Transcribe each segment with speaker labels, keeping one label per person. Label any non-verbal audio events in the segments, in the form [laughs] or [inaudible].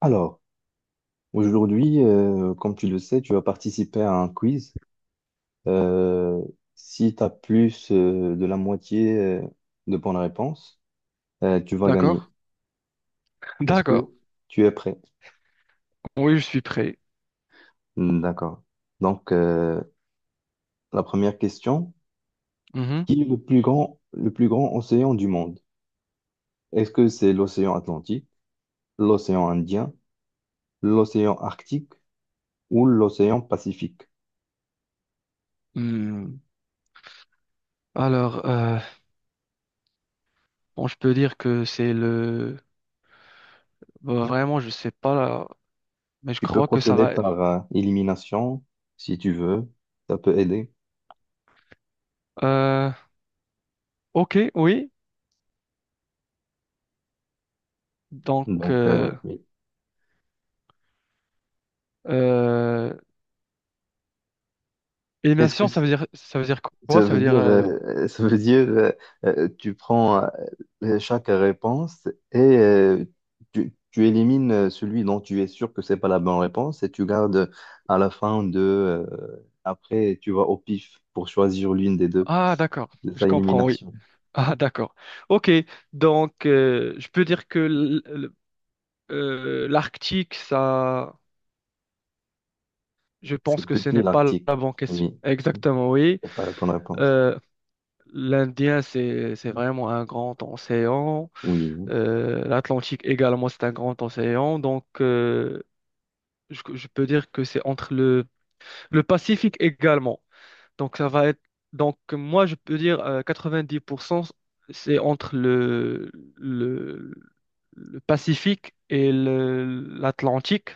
Speaker 1: Alors, aujourd'hui, comme tu le sais, tu vas participer à un quiz. Euh, Si tu as plus de la moitié de bonnes réponses, tu vas
Speaker 2: D'accord.
Speaker 1: gagner. Est-ce que
Speaker 2: D'accord.
Speaker 1: tu es prêt?
Speaker 2: Oui, je suis prêt.
Speaker 1: D'accord. Donc, la première question,
Speaker 2: Mhm.
Speaker 1: qui est le plus grand océan du monde? Est-ce que c'est l'océan Atlantique, l'océan Indien, l'océan Arctique ou l'océan Pacifique?
Speaker 2: Hmm. Alors, bon, je peux dire que c'est le... Bah, vraiment, je sais pas là, mais je
Speaker 1: Tu peux
Speaker 2: crois que ça
Speaker 1: procéder
Speaker 2: va... être...
Speaker 1: par élimination si tu veux. Ça peut aider.
Speaker 2: Euh, ok, oui. Donc,
Speaker 1: Donc,
Speaker 2: euh,
Speaker 1: oui.
Speaker 2: euh,
Speaker 1: est-ce que
Speaker 2: élimination,
Speaker 1: c-
Speaker 2: ça veut dire quoi?
Speaker 1: Ça
Speaker 2: Ça
Speaker 1: veut
Speaker 2: veut dire...
Speaker 1: dire, tu prends chaque réponse, et tu élimines celui dont tu es sûr que c'est pas la bonne réponse, et tu gardes à la fin, après, tu vas au pif pour choisir l'une des deux
Speaker 2: Ah, d'accord.
Speaker 1: de
Speaker 2: Je
Speaker 1: sa
Speaker 2: comprends, oui. [laughs]
Speaker 1: élimination.
Speaker 2: Ah, d'accord. Ok. Donc, je peux dire que l'Arctique, ça... Je pense
Speaker 1: C'est
Speaker 2: que ce
Speaker 1: petit
Speaker 2: n'est pas
Speaker 1: l'article.
Speaker 2: la bonne question.
Speaker 1: Oui,
Speaker 2: Exactement, oui.
Speaker 1: c'est pas la bonne réponse.
Speaker 2: Euh, L'Indien, c'est vraiment un grand océan.
Speaker 1: Oui.
Speaker 2: l'Atlantique également, c'est un grand océan. Donc, je peux dire que c'est entre le Pacifique également. Donc, ça va être. Donc, moi, je peux dire 90%, c'est entre le Pacifique et l'Atlantique,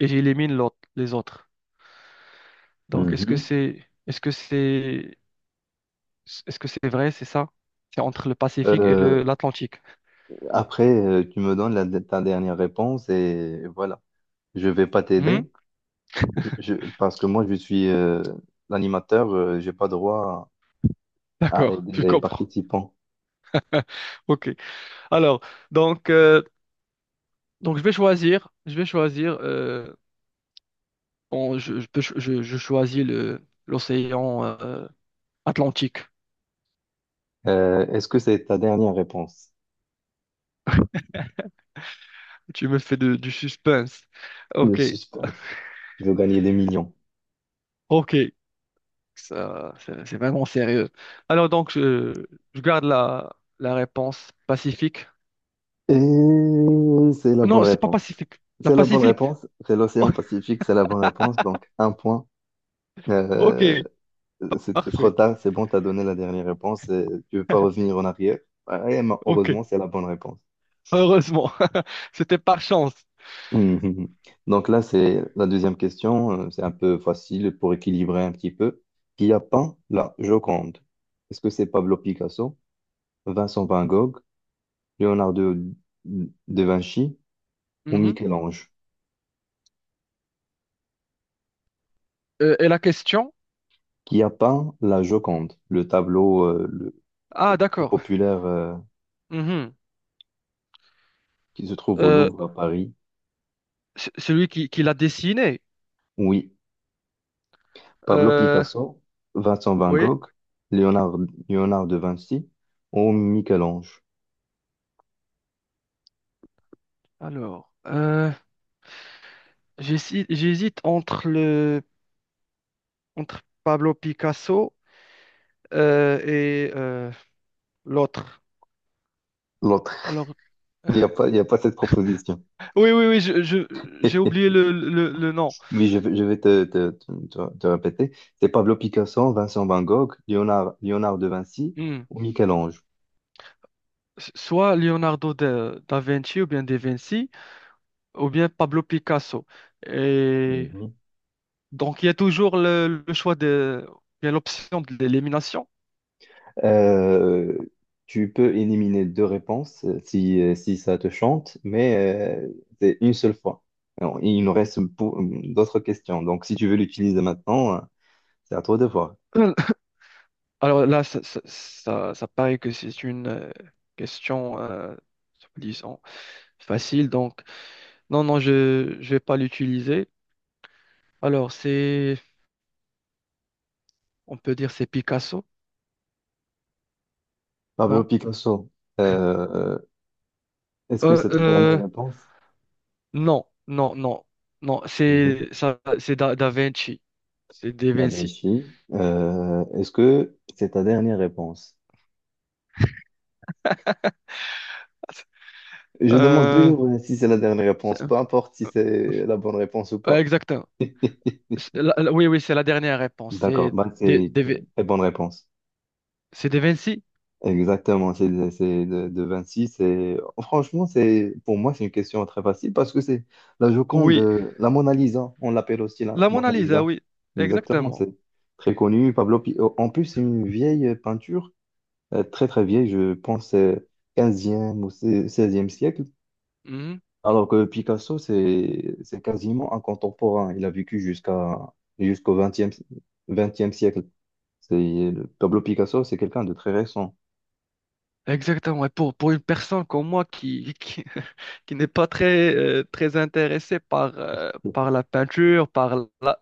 Speaker 2: et j'élimine l'autre, les autres. Donc,
Speaker 1: Mhm.
Speaker 2: est-ce que c'est vrai, c'est ça? C'est entre le Pacifique et
Speaker 1: Euh,
Speaker 2: l'Atlantique.
Speaker 1: Après, tu me donnes ta dernière réponse, et voilà. Je vais pas
Speaker 2: Hmm?
Speaker 1: t'aider. Parce que moi, je suis l'animateur, j'ai pas droit à
Speaker 2: D'accord,
Speaker 1: aider
Speaker 2: je
Speaker 1: les
Speaker 2: comprends.
Speaker 1: participants.
Speaker 2: [laughs] Ok. Alors, donc, euh, je vais choisir. Bon, je choisis le l'océan Atlantique.
Speaker 1: Est-ce que c'est ta dernière réponse?
Speaker 2: Tu me fais du suspense.
Speaker 1: Le
Speaker 2: Ok,
Speaker 1: suspense. Tu veux gagner des millions.
Speaker 2: ok. Ça, c'est vraiment sérieux. Alors je garde la réponse Pacifique.
Speaker 1: Et c'est la bonne
Speaker 2: Non, c'est pas
Speaker 1: réponse.
Speaker 2: Pacifique. La
Speaker 1: C'est la bonne
Speaker 2: Pacifique.
Speaker 1: réponse. C'est l'océan
Speaker 2: [laughs]
Speaker 1: Pacifique, c'est la bonne réponse. Donc, un point.
Speaker 2: Ok,
Speaker 1: Euh, C'était trop
Speaker 2: parfait.
Speaker 1: tard, c'est bon, t'as donné la dernière réponse, et tu veux pas revenir en arrière. Ouais, mais
Speaker 2: Ok,
Speaker 1: heureusement, c'est la bonne réponse.
Speaker 2: heureusement. [laughs] C'était par chance.
Speaker 1: Mhm. Donc là, c'est la deuxième question, c'est un peu facile pour équilibrer un petit peu. Qui a peint la Joconde? Est-ce que c'est Pablo Picasso, Vincent Van Gogh, Leonardo da Vinci ou
Speaker 2: Mhm.
Speaker 1: Michel-Ange?
Speaker 2: Et la question?
Speaker 1: Qui a peint la Joconde, le tableau le
Speaker 2: Ah,
Speaker 1: plus
Speaker 2: d'accord.
Speaker 1: populaire
Speaker 2: Mhm.
Speaker 1: qui se trouve au
Speaker 2: Euh,
Speaker 1: Louvre à Paris?
Speaker 2: C- celui qui l'a dessiné.
Speaker 1: Oui, Pablo
Speaker 2: Euh,
Speaker 1: Picasso, Vincent Van
Speaker 2: oui.
Speaker 1: Gogh, Léonard, Léonard de Vinci ou Michel-Ange?
Speaker 2: Alors, j'hésite entre Pablo Picasso et l'autre.
Speaker 1: L'autre,
Speaker 2: Alors,
Speaker 1: [laughs] il n'y a pas cette proposition.
Speaker 2: oui. J'ai oublié
Speaker 1: [laughs]
Speaker 2: le nom.
Speaker 1: Oui, je vais te répéter. C'est Pablo Picasso, Vincent Van Gogh, Léonard de Vinci
Speaker 2: Hmm.
Speaker 1: ou Michel-Ange.
Speaker 2: S- Soit Leonardo da Vinci ou bien Da Vinci ou bien Pablo Picasso. Et
Speaker 1: Mhm.
Speaker 2: donc, il y a toujours le choix de, il y a l'option de l'élimination.
Speaker 1: Euh, Tu peux éliminer deux réponses si ça te chante, mais c'est une seule fois. Alors, il nous reste d'autres questions. Donc, si tu veux l'utiliser maintenant, c'est à toi de
Speaker 2: [coughs]
Speaker 1: voir.
Speaker 2: [clears throat] Alors là, ça paraît que c'est une question, disons, facile. Donc, non, non, je ne vais pas l'utiliser. Alors, c'est, on peut dire, c'est Picasso,
Speaker 1: Pablo
Speaker 2: non?
Speaker 1: Picasso, euh, est-ce que
Speaker 2: Euh,
Speaker 1: c'est ta dernière
Speaker 2: euh,
Speaker 1: réponse?
Speaker 2: non, non, c'est ça, c'est Da Vinci, c'est Da
Speaker 1: La
Speaker 2: Vinci.
Speaker 1: Vichy, est-ce que c'est ta dernière réponse? Je demande
Speaker 2: Euh,
Speaker 1: toujours si c'est la dernière réponse,
Speaker 2: c'est-
Speaker 1: peu importe si c'est la bonne réponse ou pas.
Speaker 2: exactement.
Speaker 1: [laughs]
Speaker 2: C'est oui, oui, c'est la dernière réponse.
Speaker 1: D'accord,
Speaker 2: C'est
Speaker 1: bah, c'est
Speaker 2: Da Vin-
Speaker 1: très bonne réponse.
Speaker 2: c'est Da Vinci?
Speaker 1: Exactement, c'est de 26. Et, franchement, c'est, pour moi, c'est une question très facile parce que c'est la Joconde,
Speaker 2: Oui.
Speaker 1: la Mona Lisa, on l'appelle aussi la
Speaker 2: La Mona
Speaker 1: Mona
Speaker 2: Lisa,
Speaker 1: Lisa.
Speaker 2: oui,
Speaker 1: Exactement,
Speaker 2: exactement.
Speaker 1: c'est très connu. Oh, en plus, c'est une vieille peinture, très très vieille, je pense 15 ou seizième siècle.
Speaker 2: Mhm.
Speaker 1: Alors que Picasso, c'est quasiment un contemporain. Il a vécu jusqu'au vingtième siècle. C'est Pablo Picasso, c'est quelqu'un de très récent.
Speaker 2: Exactement. Et pour une personne comme moi [laughs] qui n'est pas très, très intéressée par, par la peinture, par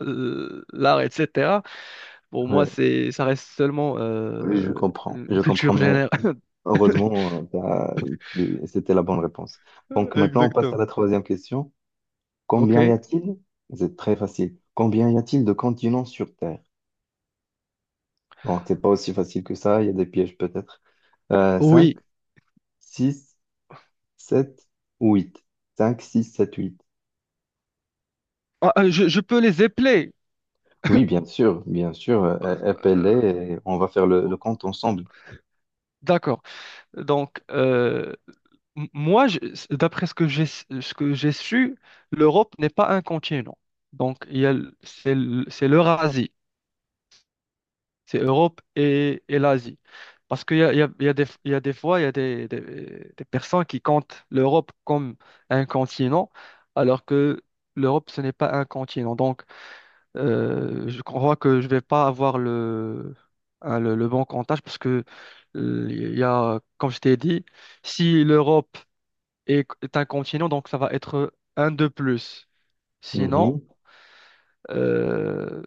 Speaker 2: l'art, etc. Pour moi,
Speaker 1: Ouais,
Speaker 2: c'est, ça reste seulement
Speaker 1: oui, je
Speaker 2: une
Speaker 1: comprends,
Speaker 2: culture
Speaker 1: mais
Speaker 2: générale.
Speaker 1: heureusement, c'était la bonne réponse.
Speaker 2: [laughs]
Speaker 1: Donc maintenant, on passe à
Speaker 2: Exactement.
Speaker 1: la troisième question.
Speaker 2: Ok,
Speaker 1: Combien y a-t-il? C'est très facile. Combien y a-t-il de continents sur Terre? Bon, c'est pas aussi facile que ça, il y a des pièges peut-être. 5,
Speaker 2: oui.
Speaker 1: 6, 7 ou 8? 5, 6, 7.
Speaker 2: Je peux les épeler.
Speaker 1: Oui, bien sûr, bien sûr.
Speaker 2: Euh,
Speaker 1: Appelez, et on va faire le,
Speaker 2: oh,
Speaker 1: le compte ensemble.
Speaker 2: d'accord. Donc, m- moi, je- d'après ce que ce que j'ai su, l'Europe n'est pas un continent. Donc, il y a, c'est c'est l'Eurasie. C'est Europe et l'Asie. Parce qu'il y a, il y a des, il y a des fois, il y a des, des personnes qui comptent l'Europe comme un continent, alors que l'Europe, ce n'est pas un continent. Donc, je crois que je ne vais pas avoir hein, le bon comptage parce que, il y a, comme je t'ai dit, si l'Europe est un continent, donc ça va être un de plus. Sinon,
Speaker 1: Mhm.
Speaker 2: euh,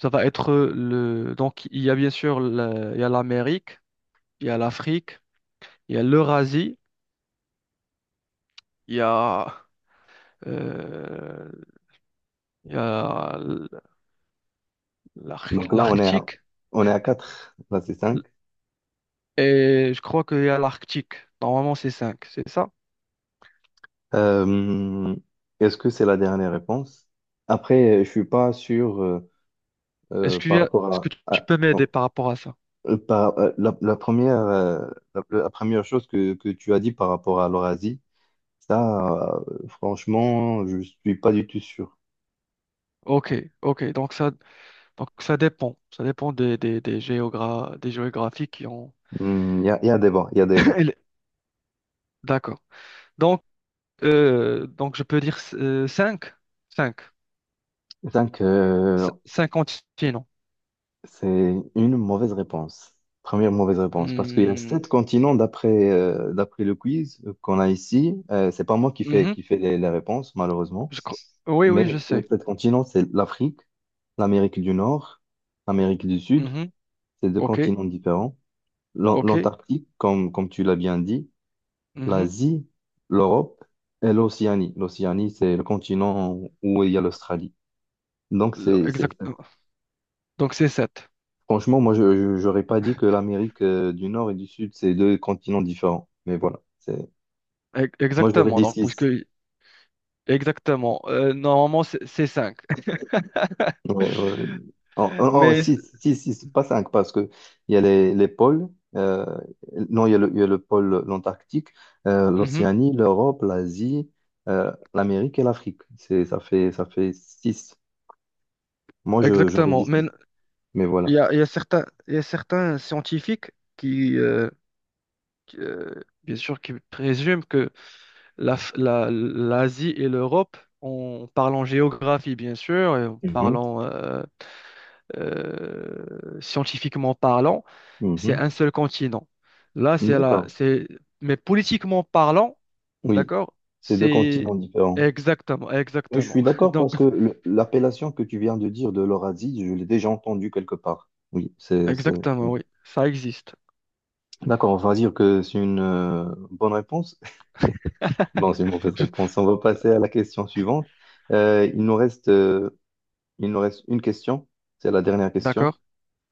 Speaker 2: ça va être le... Donc, il y a bien sûr il y a l'Amérique. Il y a l'Afrique, il y a l'Eurasie, il y a, euh, il y a
Speaker 1: Donc là, on est à,
Speaker 2: l'Arctique,
Speaker 1: on est à 4. Là, c'est cinq.
Speaker 2: et je crois qu'il y a l'Arctique. Normalement, c'est cinq, c'est ça?
Speaker 1: Euh, Est-ce que c'est la dernière réponse? Après, je suis pas sûr
Speaker 2: Est-ce qu'il y
Speaker 1: par
Speaker 2: a,
Speaker 1: rapport
Speaker 2: est-ce que
Speaker 1: à,
Speaker 2: tu peux m'aider par rapport à ça?
Speaker 1: la première, la première chose que tu as dit par rapport à l'Eurasie. Ça, franchement, je suis pas du tout sûr.
Speaker 2: Ok, ok, donc ça dépend. Ça dépend des, géogra- des géographies qui ont. [coughs]
Speaker 1: Il y a des bons, il y a des
Speaker 2: [clears throat]
Speaker 1: bons.
Speaker 2: Elle- D'accord. Donc, donc, je peux dire cinq
Speaker 1: 5.
Speaker 2: cinq continents.
Speaker 1: C'est une mauvaise réponse. Première mauvaise réponse. Parce qu'il y a
Speaker 2: Hmm,
Speaker 1: sept continents d'après le quiz qu'on a ici. C'est pas moi
Speaker 2: mhm,
Speaker 1: qui fait les réponses, malheureusement.
Speaker 2: je cro- Oui, oui, je
Speaker 1: Mais les
Speaker 2: sais.
Speaker 1: sept continents, c'est l'Afrique, l'Amérique du Nord, l'Amérique du Sud.
Speaker 2: Mmh.
Speaker 1: C'est deux
Speaker 2: Ok,
Speaker 1: continents différents.
Speaker 2: ok.
Speaker 1: L'Antarctique, comme tu l'as bien dit,
Speaker 2: Mhm.
Speaker 1: l'Asie, l'Europe et l'Océanie. L'Océanie, c'est le continent où il y a l'Australie. Donc,
Speaker 2: Le-
Speaker 1: c'est
Speaker 2: Exact. Donc c'est 7.
Speaker 1: franchement, moi, j'aurais pas dit que l'Amérique du Nord et du Sud, c'est deux continents différents. Mais voilà, c'est. Moi, j'aurais
Speaker 2: Exactement.
Speaker 1: dit
Speaker 2: Donc
Speaker 1: six.
Speaker 2: puisque exactement. Normalement c'est 5.
Speaker 1: Ouais, ouais. Oh, oh,
Speaker 2: [laughs]
Speaker 1: oh,
Speaker 2: Mais
Speaker 1: six, six, six, pas cinq, parce que il y a les pôles. euh, non, il y a le pôle, l'Antarctique,
Speaker 2: mhm,
Speaker 1: l'Océanie, l'Europe, l'Asie, l'Amérique et l'Afrique. Ça fait six. Moi, j'aurais dit
Speaker 2: exactement. Mais
Speaker 1: six. Mais
Speaker 2: il
Speaker 1: voilà.
Speaker 2: y a, il y a certains scientifiques qui, euh, qui, bien sûr qui présument que l'Asie et l'Europe en parlant géographie bien sûr et en
Speaker 1: Mhm,
Speaker 2: parlant scientifiquement parlant, c'est
Speaker 1: mhm.
Speaker 2: un seul continent. Là, c'est
Speaker 1: D'accord.
Speaker 2: c'est, mais politiquement parlant,
Speaker 1: Oui,
Speaker 2: d'accord,
Speaker 1: c'est deux continents
Speaker 2: c'est
Speaker 1: différents.
Speaker 2: exactement,
Speaker 1: Et je suis
Speaker 2: exactement. [laughs]
Speaker 1: d'accord
Speaker 2: Donc,
Speaker 1: parce que l'appellation que tu viens de dire de l'orazide, je l'ai déjà entendue quelque part. Oui, c'est, c'est.
Speaker 2: exactement,
Speaker 1: Oui.
Speaker 2: oui, ça existe.
Speaker 1: D'accord, on va dire que c'est une bonne réponse. [laughs] Non, c'est une mauvaise réponse.
Speaker 2: [laughs]
Speaker 1: On va passer à la question suivante. Euh, il nous reste, euh, il nous reste une question. C'est la dernière question.
Speaker 2: D'accord,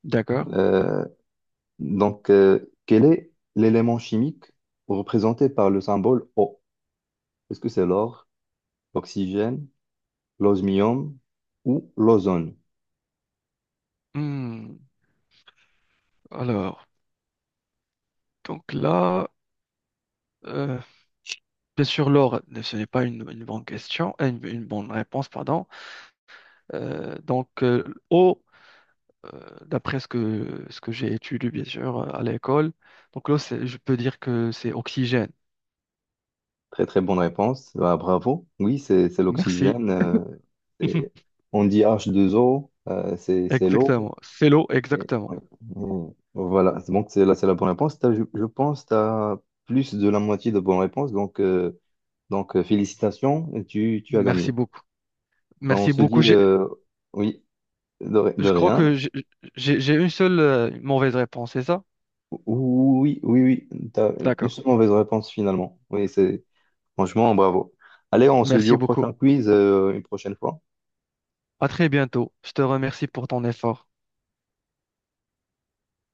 Speaker 2: d'accord.
Speaker 1: Euh, donc, quel est l'élément chimique représenté par le symbole O? Est-ce que c'est l'or, l'oxygène, l'osmium ou l'ozone?
Speaker 2: Hmm, alors, donc là. Euh, bien sûr, l'or, ce n'est pas une, une bonne question, une bonne réponse, pardon. Donc, eau, euh, d'après ce que j'ai étudié, bien sûr, à l'école, donc l'eau, c'est- je peux dire que c'est oxygène.
Speaker 1: Très très bonne réponse. Bah, bravo. Oui, c'est
Speaker 2: Merci.
Speaker 1: l'oxygène. C'est-
Speaker 2: [laughs]
Speaker 1: on dit H2O, c'est l'eau.
Speaker 2: Exactement. C'est l'eau, exactement.
Speaker 1: Ouais. Mm. Voilà, donc c'est là, c'est la bonne réponse. Je pense que tu as plus de la moitié de bonnes réponses. Donc, félicitations, tu as
Speaker 2: Merci
Speaker 1: gagné.
Speaker 2: beaucoup.
Speaker 1: Enfin, on
Speaker 2: Merci
Speaker 1: se
Speaker 2: beaucoup.
Speaker 1: dit
Speaker 2: J'ai-
Speaker 1: oui, de
Speaker 2: Je crois
Speaker 1: rien.
Speaker 2: que j'ai j'ai une seule mauvaise réponse, c'est ça?
Speaker 1: Oui, oui, oui, tu as une
Speaker 2: D'accord.
Speaker 1: seule mauvaise réponse finalement. Oui, c'est franchement bravo. Allez, on se dit
Speaker 2: Merci
Speaker 1: au
Speaker 2: beaucoup.
Speaker 1: prochain quiz, une prochaine fois.
Speaker 2: À très bientôt. Je te remercie pour ton effort.